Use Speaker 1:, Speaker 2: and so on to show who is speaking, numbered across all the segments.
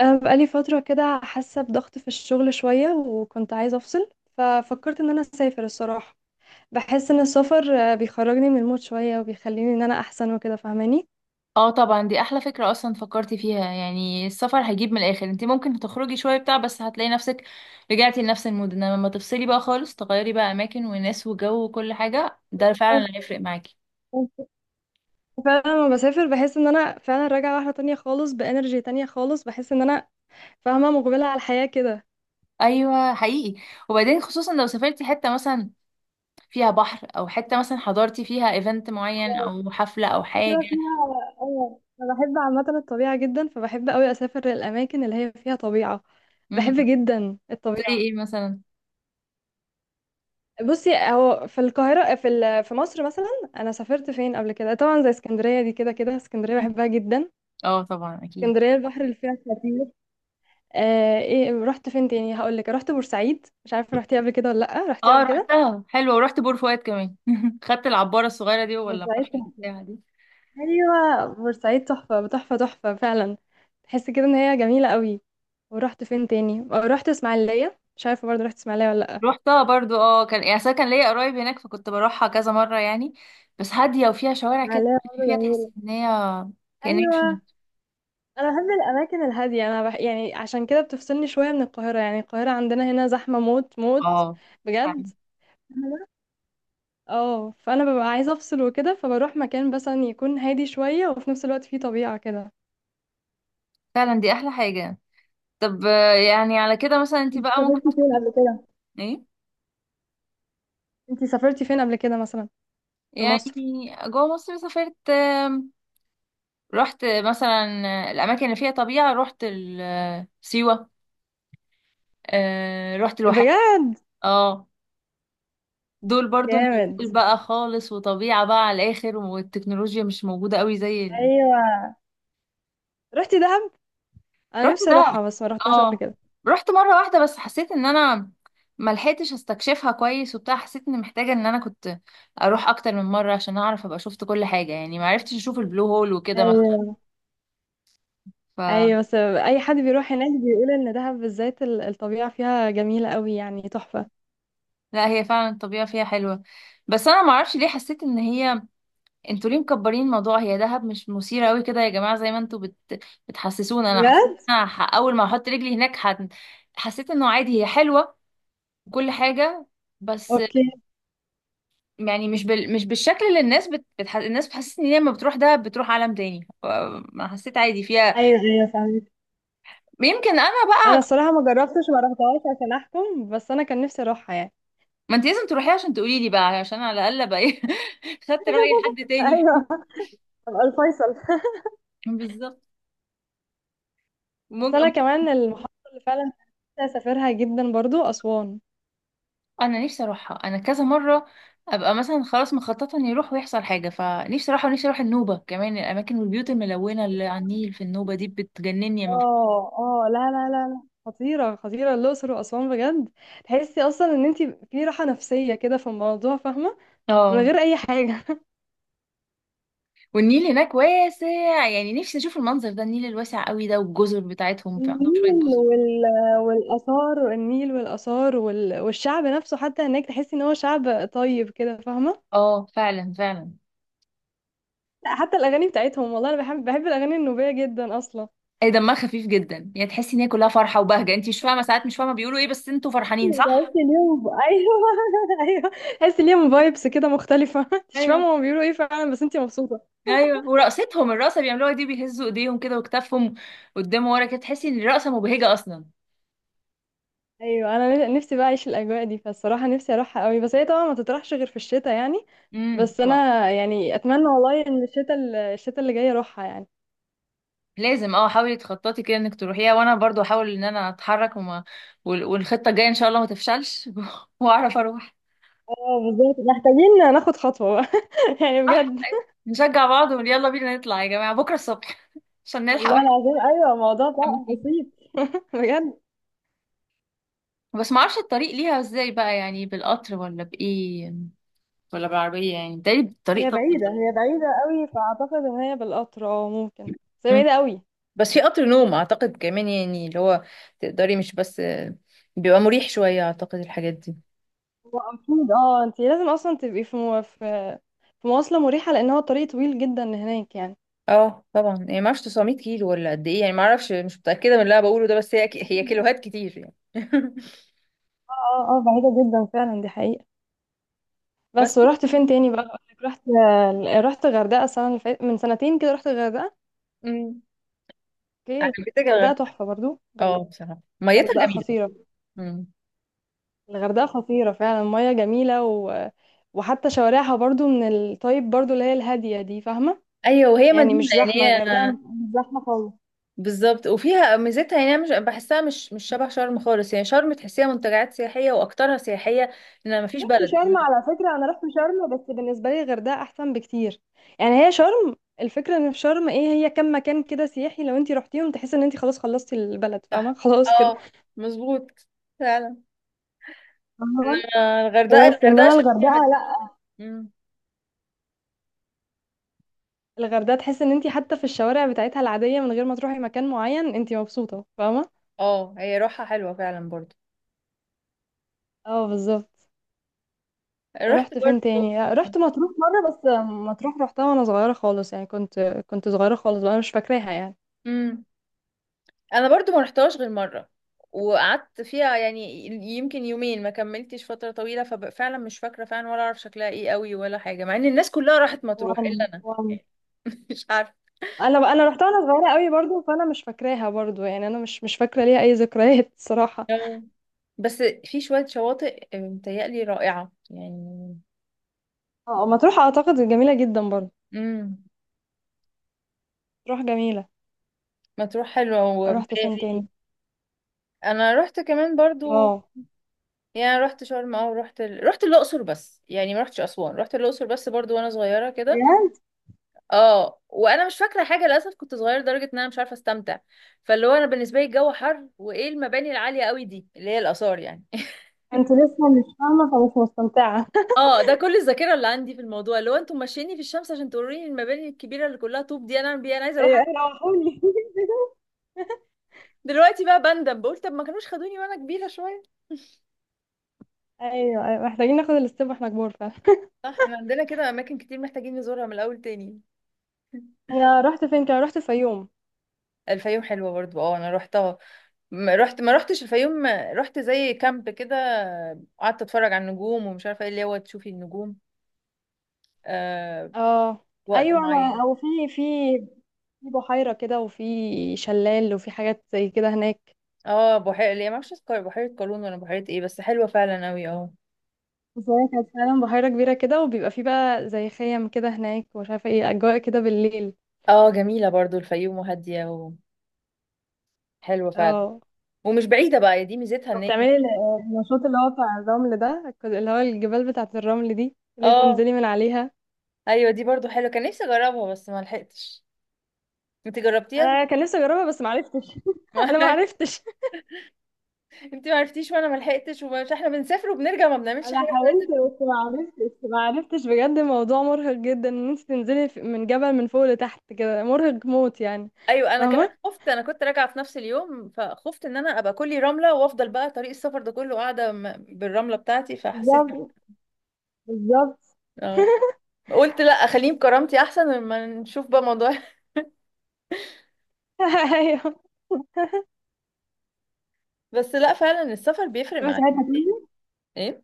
Speaker 1: أنا بقالي فترة كده حاسة بضغط في الشغل شوية، وكنت عايزة أفصل. ففكرت إن أنا أسافر الصراحة. بحس إن السفر بيخرجني من المود شوية، وبيخليني إن أنا أحسن وكده فاهماني.
Speaker 2: اه طبعا، دي احلى فكرة اصلا فكرتي فيها. يعني السفر هيجيب من الاخر، انت ممكن تخرجي شوية بتاع بس هتلاقي نفسك رجعتي لنفس المود. انما لما تفصلي بقى خالص تغيري بقى اماكن وناس وجو وكل حاجة، ده فعلا اللي هيفرق معاكي.
Speaker 1: فعلا لما بسافر بحس إن أنا فعلا راجعة واحدة تانية خالص، بإنرجي تانية خالص، بحس إن أنا فاهمة مقبلة على الحياة كده.
Speaker 2: ايوه حقيقي. وبعدين خصوصا لو سافرتي حتة مثلا فيها بحر او حتة مثلا حضرتي فيها ايفنت معين او حفلة او حاجة.
Speaker 1: كده فيها أيوة، أنا بحب عامة الطبيعة جدا، فبحب أوي أسافر للأماكن اللي هي فيها طبيعة. بحب
Speaker 2: امم
Speaker 1: جدا
Speaker 2: زي
Speaker 1: الطبيعة.
Speaker 2: ايه مثلا؟
Speaker 1: بصي، هو في القاهرة، في مصر مثلا. أنا سافرت فين قبل كده؟ طبعا زي اسكندرية، دي كده كده اسكندرية
Speaker 2: مم.
Speaker 1: بحبها جدا.
Speaker 2: اه طبعا اكيد.
Speaker 1: اسكندرية البحر اللي فيها خطير. ايه، رحت فين تاني؟ هقول لك. رحت بورسعيد، مش عارفة رحتي قبل كده ولا لأ. رحتي
Speaker 2: اه
Speaker 1: قبل كده؟
Speaker 2: رحتها حلوة، ورحت بور فؤاد كمان خدت العبارة الصغيرة دي ولا
Speaker 1: بورسعيد
Speaker 2: البحر
Speaker 1: تحفة.
Speaker 2: بتاعها دي؟
Speaker 1: أيوة، بورسعيد تحفة تحفة تحفة فعلا. تحس كده إن هي جميلة قوي. ورحت فين تاني؟ رحت إسماعيلية. مش عارفة برضه، رحت إسماعيلية ولا لأ.
Speaker 2: روحتها برضو اه، كان يعني أصل كان ليا قرايب هناك فكنت بروحها كذا مرة يعني. بس هادية وفيها شوارع كده
Speaker 1: إسماعيلية
Speaker 2: تمشي
Speaker 1: برضه
Speaker 2: فيها تحس
Speaker 1: جميلة.
Speaker 2: ان هي كأنها مش من-
Speaker 1: ايوه، انا بحب الاماكن الهاديه، يعني عشان كده بتفصلني شويه من القاهره. يعني القاهره عندنا هنا زحمه موت موت
Speaker 2: اه.
Speaker 1: بجد.
Speaker 2: فعلا
Speaker 1: مهم. اه، فانا ببقى عايزه افصل وكده، فبروح مكان مثلا يكون هادي شويه، وفي نفس الوقت فيه طبيعه كده.
Speaker 2: فعلا دي احلى حاجة. طب يعني على كده مثلا انت
Speaker 1: انت
Speaker 2: بقى ممكن
Speaker 1: سافرتي فين قبل كده؟
Speaker 2: ايه
Speaker 1: انتي سافرتي فين قبل كده مثلا، في
Speaker 2: يعني.
Speaker 1: مصر؟
Speaker 2: جوه مصر سافرت، رحت مثلا الاماكن اللي فيها طبيعة. رحت سيوة، رحت الواحات.
Speaker 1: بجد؟
Speaker 2: اه دول برضو
Speaker 1: جامد.
Speaker 2: نزول بقى خالص، وطبيعة بقى على الآخر، والتكنولوجيا مش موجودة قوي زي
Speaker 1: ايوه، رحتي دهب؟ انا
Speaker 2: رحت
Speaker 1: نفسي
Speaker 2: دهب.
Speaker 1: اروحها بس ما رحتهاش قبل
Speaker 2: اه،
Speaker 1: كده.
Speaker 2: رحت مره واحده بس حسيت ان انا ما لحقتش استكشفها كويس وبتاع. حسيت اني محتاجه ان انا كنت اروح اكتر من مره عشان اعرف ابقى شفت كل حاجه يعني، ما عرفتش اشوف البلو هول وكده مثلا.
Speaker 1: ايوه،
Speaker 2: ف
Speaker 1: ايوه، بس اي حد بيروح هناك بيقول ان دهب بالذات الطبيعه فيها جميله قوي يعني تحفه.
Speaker 2: لا، هي فعلا الطبيعه فيها حلوه بس انا ما اعرفش ليه حسيت ان هي. انتوا ليه مكبرين الموضوع؟ هي دهب مش مثيره قوي كده يا جماعه زي ما بتحسسونا. انا حسيت
Speaker 1: بجد؟
Speaker 2: إن أنا اول ما احط رجلي هناك حسيت انه عادي، هي حلوه وكل حاجه. بس
Speaker 1: اوكي.
Speaker 2: يعني مش بالشكل اللي الناس بتحسسني ان هي لما بتروح ده بتروح عالم تاني، ما حسيت، عادي فيها.
Speaker 1: ايوه، ايوه، فاهمك.
Speaker 2: يمكن انا
Speaker 1: انا
Speaker 2: بقى.
Speaker 1: الصراحه ما جربتش، ما رحتهاش عشان احكم، بس انا كان نفسي اروحها يعني.
Speaker 2: ما انت لازم تروحي عشان تقولي لي بقى، عشان على الاقل ابقى ايه خدت راي حد تاني.
Speaker 1: ايوه، ابقى الفيصل.
Speaker 2: بالظبط. مج...
Speaker 1: بس انا
Speaker 2: مج-
Speaker 1: كمان المحافظه اللي فعلا نفسي اسافرها جدا برضو اسوان.
Speaker 2: انا نفسي اروحها انا كذا مره. ابقى مثلا خلاص مخططه اني اروح ويحصل حاجه، فنفسي اروحها، ونفسي اروح النوبه كمان. الاماكن والبيوت الملونه اللي على النيل في النوبه دي بتجنني لما
Speaker 1: اه، اه، لا، لا، لا، لا، خطيره خطيره الاقصر واسوان بجد. تحسي اصلا ان انت في راحه نفسيه كده في الموضوع، فاهمه؟ من
Speaker 2: اه.
Speaker 1: غير اي حاجه.
Speaker 2: والنيل هناك واسع يعني، نفسي اشوف المنظر ده، النيل الواسع قوي ده والجزر بتاعتهم، في عندهم شويه
Speaker 1: النيل
Speaker 2: جزر.
Speaker 1: وال والاثار النيل والاثار، والشعب نفسه حتى هناك تحسي ان هو شعب طيب كده، فاهمه؟
Speaker 2: اه فعلا فعلا.
Speaker 1: لا، حتى الاغاني بتاعتهم والله، انا بحب الاغاني النوبيه جدا اصلا.
Speaker 2: اي، دمها خفيف جدا يعني، تحسي ان هي كلها فرحه وبهجه، انت مش فاهمه ساعات، مش فاهمه بيقولوا ايه بس انتوا فرحانين صح.
Speaker 1: تحس اليوم. ايوه، ايوه. تحس ليهم فايبس كده مختلفه. مش فاهمه
Speaker 2: ايوه.
Speaker 1: هما بيقولوا ايه فعلا، بس انتي مبسوطه.
Speaker 2: ايوه ورقصتهم الرقصه بيعملوها دي، بيهزوا ايديهم كده وكتافهم قدام ورا كده، تحسي ان الرقصه مبهجه اصلا.
Speaker 1: ايوه، انا نفسي بقى اعيش الاجواء دي، فالصراحه نفسي اروحها قوي، بس هي طبعا ما تطرحش غير في الشتاء يعني. بس
Speaker 2: طبعا.
Speaker 1: انا يعني اتمنى والله ان الشتاء اللي جاي اروحها يعني.
Speaker 2: لازم، اه حاولي تخططي كده انك تروحيها، وانا برضو احاول ان انا اتحرك والخطه الجايه ان شاء الله ما تفشلش واعرف اروح.
Speaker 1: اه، بالظبط، محتاجين ناخد خطوه بقى. يعني بجد.
Speaker 2: نشجع بعض ونقول يلا بينا نطلع يا جماعة بكرة الصبح عشان نلحق
Speaker 1: والله
Speaker 2: واحد
Speaker 1: العظيم، ايوه، الموضوع
Speaker 2: نكمل
Speaker 1: ده
Speaker 2: فيه.
Speaker 1: بسيط. بجد.
Speaker 2: بس ما اعرفش الطريق ليها ازاي بقى، يعني بالقطر ولا بايه ولا بالعربية، يعني ده الطريق طبعا.
Speaker 1: هي بعيدة قوي، فأعتقد إن هي بالقطر، اه، ممكن. بس هي
Speaker 2: مم.
Speaker 1: بعيدة قوي.
Speaker 2: بس في قطر نوم اعتقد كمان، يعني اللي هو تقدري مش بس بيبقى مريح شويه اعتقد الحاجات دي.
Speaker 1: هو أكيد. اه، انتي لازم أصلا تبقي في مو... في في مواصلة مريحة، لأن هو طريق طويل جدا هناك يعني.
Speaker 2: اه طبعا، يعني ما اعرفش 900 كيلو ولا قد ايه يعني، ما اعرفش مش متاكده من اللي انا بقوله ده، بس هي
Speaker 1: اه،
Speaker 2: هي كيلوهات كتير يعني
Speaker 1: اه، اه، بعيدة جدا فعلا، دي حقيقة.
Speaker 2: بس.
Speaker 1: بس ورحت فين تاني بقى؟ أقولك. رحت غردقة السنة اللي فاتت من سنتين كده، رحت الغردقة.
Speaker 2: أمم.
Speaker 1: اوكي.
Speaker 2: عجبتك
Speaker 1: الغردقة
Speaker 2: الغردقه؟
Speaker 1: تحفة برضو.
Speaker 2: اه بصراحه ميتها
Speaker 1: الغردقة
Speaker 2: جميله.
Speaker 1: خطيرة.
Speaker 2: مم.
Speaker 1: الغردقة خطيرة فعلا، المياه جميلة، وحتى شوارعها برضو من الطيب برضو، اللي هي الهادية دي، فاهمة؟
Speaker 2: ايوه وهي
Speaker 1: يعني
Speaker 2: مدينه،
Speaker 1: مش
Speaker 2: يعني
Speaker 1: زحمة، الغردقة
Speaker 2: هي.
Speaker 1: مش زحمة خالص.
Speaker 2: بالظبط، وفيها ميزتها يعني. أنا مش بحسها مش شبه شرم خالص، يعني شرم تحسيها منتجعات سياحيه واكترها سياحيه، ان مفيش
Speaker 1: رحت شرم على فكرة، أنا رحت شرم، بس بالنسبة لي الغردقة أحسن بكتير. يعني هي شرم، الفكرة إن في شرم إيه، هي كم مكان كده سياحي، لو أنت رحتيهم تحس إن أنت خلاص خلصتي البلد،
Speaker 2: صح
Speaker 1: فاهمة؟ خلاص كده.
Speaker 2: اه مظبوط فعلا.
Speaker 1: أها.
Speaker 2: الغردقه
Speaker 1: خلاص،
Speaker 2: الغردقه
Speaker 1: إنما
Speaker 2: عشان فيها
Speaker 1: الغردقة لأ.
Speaker 2: مم.
Speaker 1: الغردقة تحس إن أنت حتى في الشوارع بتاعتها العادية، من غير ما تروحي مكان معين، أنت مبسوطة، فاهمة؟
Speaker 2: اه هي روحها حلوه فعلا برضو.
Speaker 1: اه، بالظبط.
Speaker 2: رحت
Speaker 1: ورحت فين
Speaker 2: برضو.
Speaker 1: تاني؟ رحت مطروح مرة بس. مطروح رحتها وأنا صغيرة خالص يعني، كنت صغيرة خالص بقى، أنا مش فاكراها يعني.
Speaker 2: مم. انا برضو ما رحتهاش غير مره، وقعدت فيها يعني يمكن يومين، ما كملتش فتره طويله، ففعلا مش فاكره فعلا ولا اعرف شكلها ايه قوي ولا حاجه، مع ان الناس كلها راحت مطروح الا
Speaker 1: وانا
Speaker 2: انا
Speaker 1: وانا
Speaker 2: مش عارفة.
Speaker 1: انا انا رحتها وانا صغيره قوي برضو، فانا مش فاكراها برضو يعني. انا مش فاكره ليها اي ذكريات. الصراحه.
Speaker 2: آه. بس في شوية شواطئ متهيألي رائعة يعني.
Speaker 1: اه، مطروح اعتقد جميله جدا برضو.
Speaker 2: امم.
Speaker 1: مطروح جميله.
Speaker 2: مطروح حلوة
Speaker 1: رحت فين
Speaker 2: ومتهيألي.
Speaker 1: تاني؟
Speaker 2: أنا رحت كمان برضو
Speaker 1: اه،
Speaker 2: يعني، رحت شرم أو رحت الأقصر بس يعني. ما رحتش أسوان، رحت الأقصر بس برضو وأنا صغيرة كده.
Speaker 1: بجد.
Speaker 2: اه، وأنا مش فاكرة حاجة للأسف، كنت صغيرة لدرجة إن أنا مش عارفة أستمتع. فاللي هو أنا بالنسبة لي الجو حر وإيه المباني العالية قوي دي اللي هي الآثار يعني
Speaker 1: انت لسه مش فاهمه، فمش مستمتعه.
Speaker 2: اه ده كل الذاكرة اللي عندي في الموضوع، اللي هو انتوا ماشييني في الشمس عشان توريني المباني الكبيرة اللي كلها طوب دي، أنا أعمل بيها؟ أنا عايزة أروح.
Speaker 1: ايوه، أيوة، روحوني.
Speaker 2: دلوقتي بقى بندم، بقول طب ما كانوش خدوني وانا كبيرة شوية.
Speaker 1: ايوه، ايوه، محتاجين ناخد الاستيب واحنا كبار فعلا.
Speaker 2: صح، احنا عندنا كده اماكن كتير محتاجين نزورها من الاول تاني.
Speaker 1: انا رحت فين كده؟ رحت الفيوم.
Speaker 2: الفيوم حلوه برضو، اه انا روحتها. ما رحتش الفيوم، رحت زي كامب كده، قعدت اتفرج على النجوم ومش عارفه ايه، اللي هو تشوفي النجوم آه
Speaker 1: اه،
Speaker 2: وقت
Speaker 1: ايوه.
Speaker 2: معين.
Speaker 1: انا او في في بحيره كده، وفي شلال، وفي حاجات زي كده هناك.
Speaker 2: اه بحيره اللي هي ما اعرفش اسمها، بحيره قارون ولا بحيره ايه، بس حلوه فعلا قوي اه.
Speaker 1: بس هي كانت فعلا بحيرة كبيرة كده، وبيبقى فيه بقى زي خيم كده هناك، ومش عارفة ايه، أجواء كده بالليل.
Speaker 2: اه جميله برضو الفيوم، وهاديه وحلوه فعلا.
Speaker 1: اه،
Speaker 2: ومش بعيده بقى، دي ميزتها ان هي.
Speaker 1: وبتعملي النشاط اللي هو بتاع الرمل ده، اللي هو الجبال بتاعة الرمل دي، اللي هي
Speaker 2: اه
Speaker 1: بتنزلي من عليها.
Speaker 2: ايوه دي برضو حلوه، كان نفسي اجربها بس ما لحقتش. انت جربتيها؟
Speaker 1: أنا كان نفسي أجربها بس معرفتش. أنا معرفتش.
Speaker 2: انت ما عرفتيش وانا ما لحقتش، ومش احنا بنسافر وبنرجع ما بنعملش حاجه،
Speaker 1: أنا
Speaker 2: احنا
Speaker 1: حاولت
Speaker 2: لازم.
Speaker 1: بس معرفتش معرفتش بجد. الموضوع مرهق جدا إن أنت تنزلي من جبل من فوق لتحت كده، مرهق موت يعني.
Speaker 2: ايوه انا كمان
Speaker 1: فاهمة؟
Speaker 2: خفت، انا كنت راجعه في نفس اليوم فخفت ان انا ابقى كلي رمله وافضل بقى طريق السفر ده كله قاعده بالرمله بتاعتي، فحسيت
Speaker 1: بالظبط، بالظبط.
Speaker 2: اه. قلت لا اخليهم كرامتي احسن لما نشوف بقى موضوع.
Speaker 1: أيوه.
Speaker 2: بس لا، فعلا السفر بيفرق مع
Speaker 1: رحتي حتة
Speaker 2: الإنسان.
Speaker 1: تانية؟
Speaker 2: ايه؟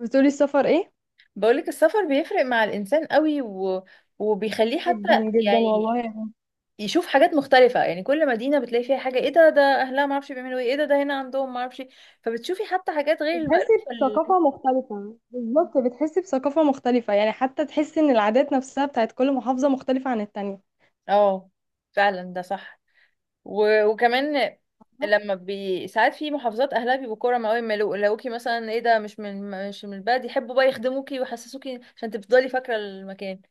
Speaker 1: بتقولي السفر إيه؟
Speaker 2: بقولك السفر بيفرق مع الانسان قوي، وبيخليه حتى
Speaker 1: جدا جدا
Speaker 2: يعني
Speaker 1: والله يعني.
Speaker 2: يشوف حاجات مختلفة يعني. كل مدينة بتلاقي فيها حاجة، ايه ده اهلها معرفش بيعملوا ايه، ايه ده هنا عندهم معرفش إيه. فبتشوفي حتى حاجات غير
Speaker 1: بتحسي بثقافة مختلفة، بالظبط، بتحسي بثقافة مختلفة يعني. حتى تحسي ان العادات نفسها بتاعت كل محافظة مختلفة عن التانية.
Speaker 2: اه فعلا ده صح. وكمان ساعات في محافظات اهلها بيبقوا كرم قوي، ما لقوكي مثلا ايه ده مش من مش من البلد، يحبوا بقى يخدموكي ويحسسوكي عشان تفضلي فاكرة المكان،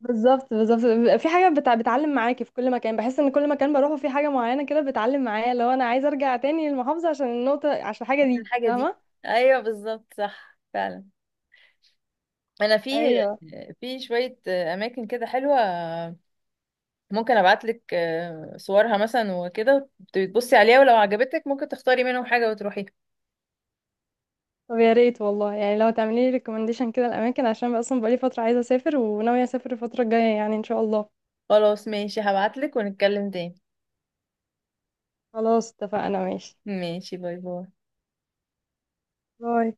Speaker 1: بالظبط، بالظبط، بيبقى في حاجة بتعلم معاكي في كل مكان. بحس ان كل مكان بروحه في حاجة معينة كده بتعلم معايا، لو انا عايزة ارجع تاني للمحافظة عشان الحاجة
Speaker 2: عشان
Speaker 1: دي،
Speaker 2: الحاجة دي.
Speaker 1: فاهمة؟
Speaker 2: ايوه بالظبط صح فعلا. انا في
Speaker 1: ايوه.
Speaker 2: في شوية اماكن كده حلوة، ممكن ابعتلك صورها مثلا وكده، تبصي عليها ولو عجبتك ممكن تختاري منهم حاجة وتروحيها.
Speaker 1: طب يا ريت والله، يعني لو تعملي لي ريكومنديشن كده الاماكن، عشان بقى اصلا بقالي فترة عايزة اسافر وناوية اسافر الفترة الجاية يعني ان شاء الله.
Speaker 2: خلاص ماشي، هبعتلك ونتكلم تاني.
Speaker 1: خلاص، اتفقنا. ماشي.
Speaker 2: ماشي، باي باي.
Speaker 1: باي.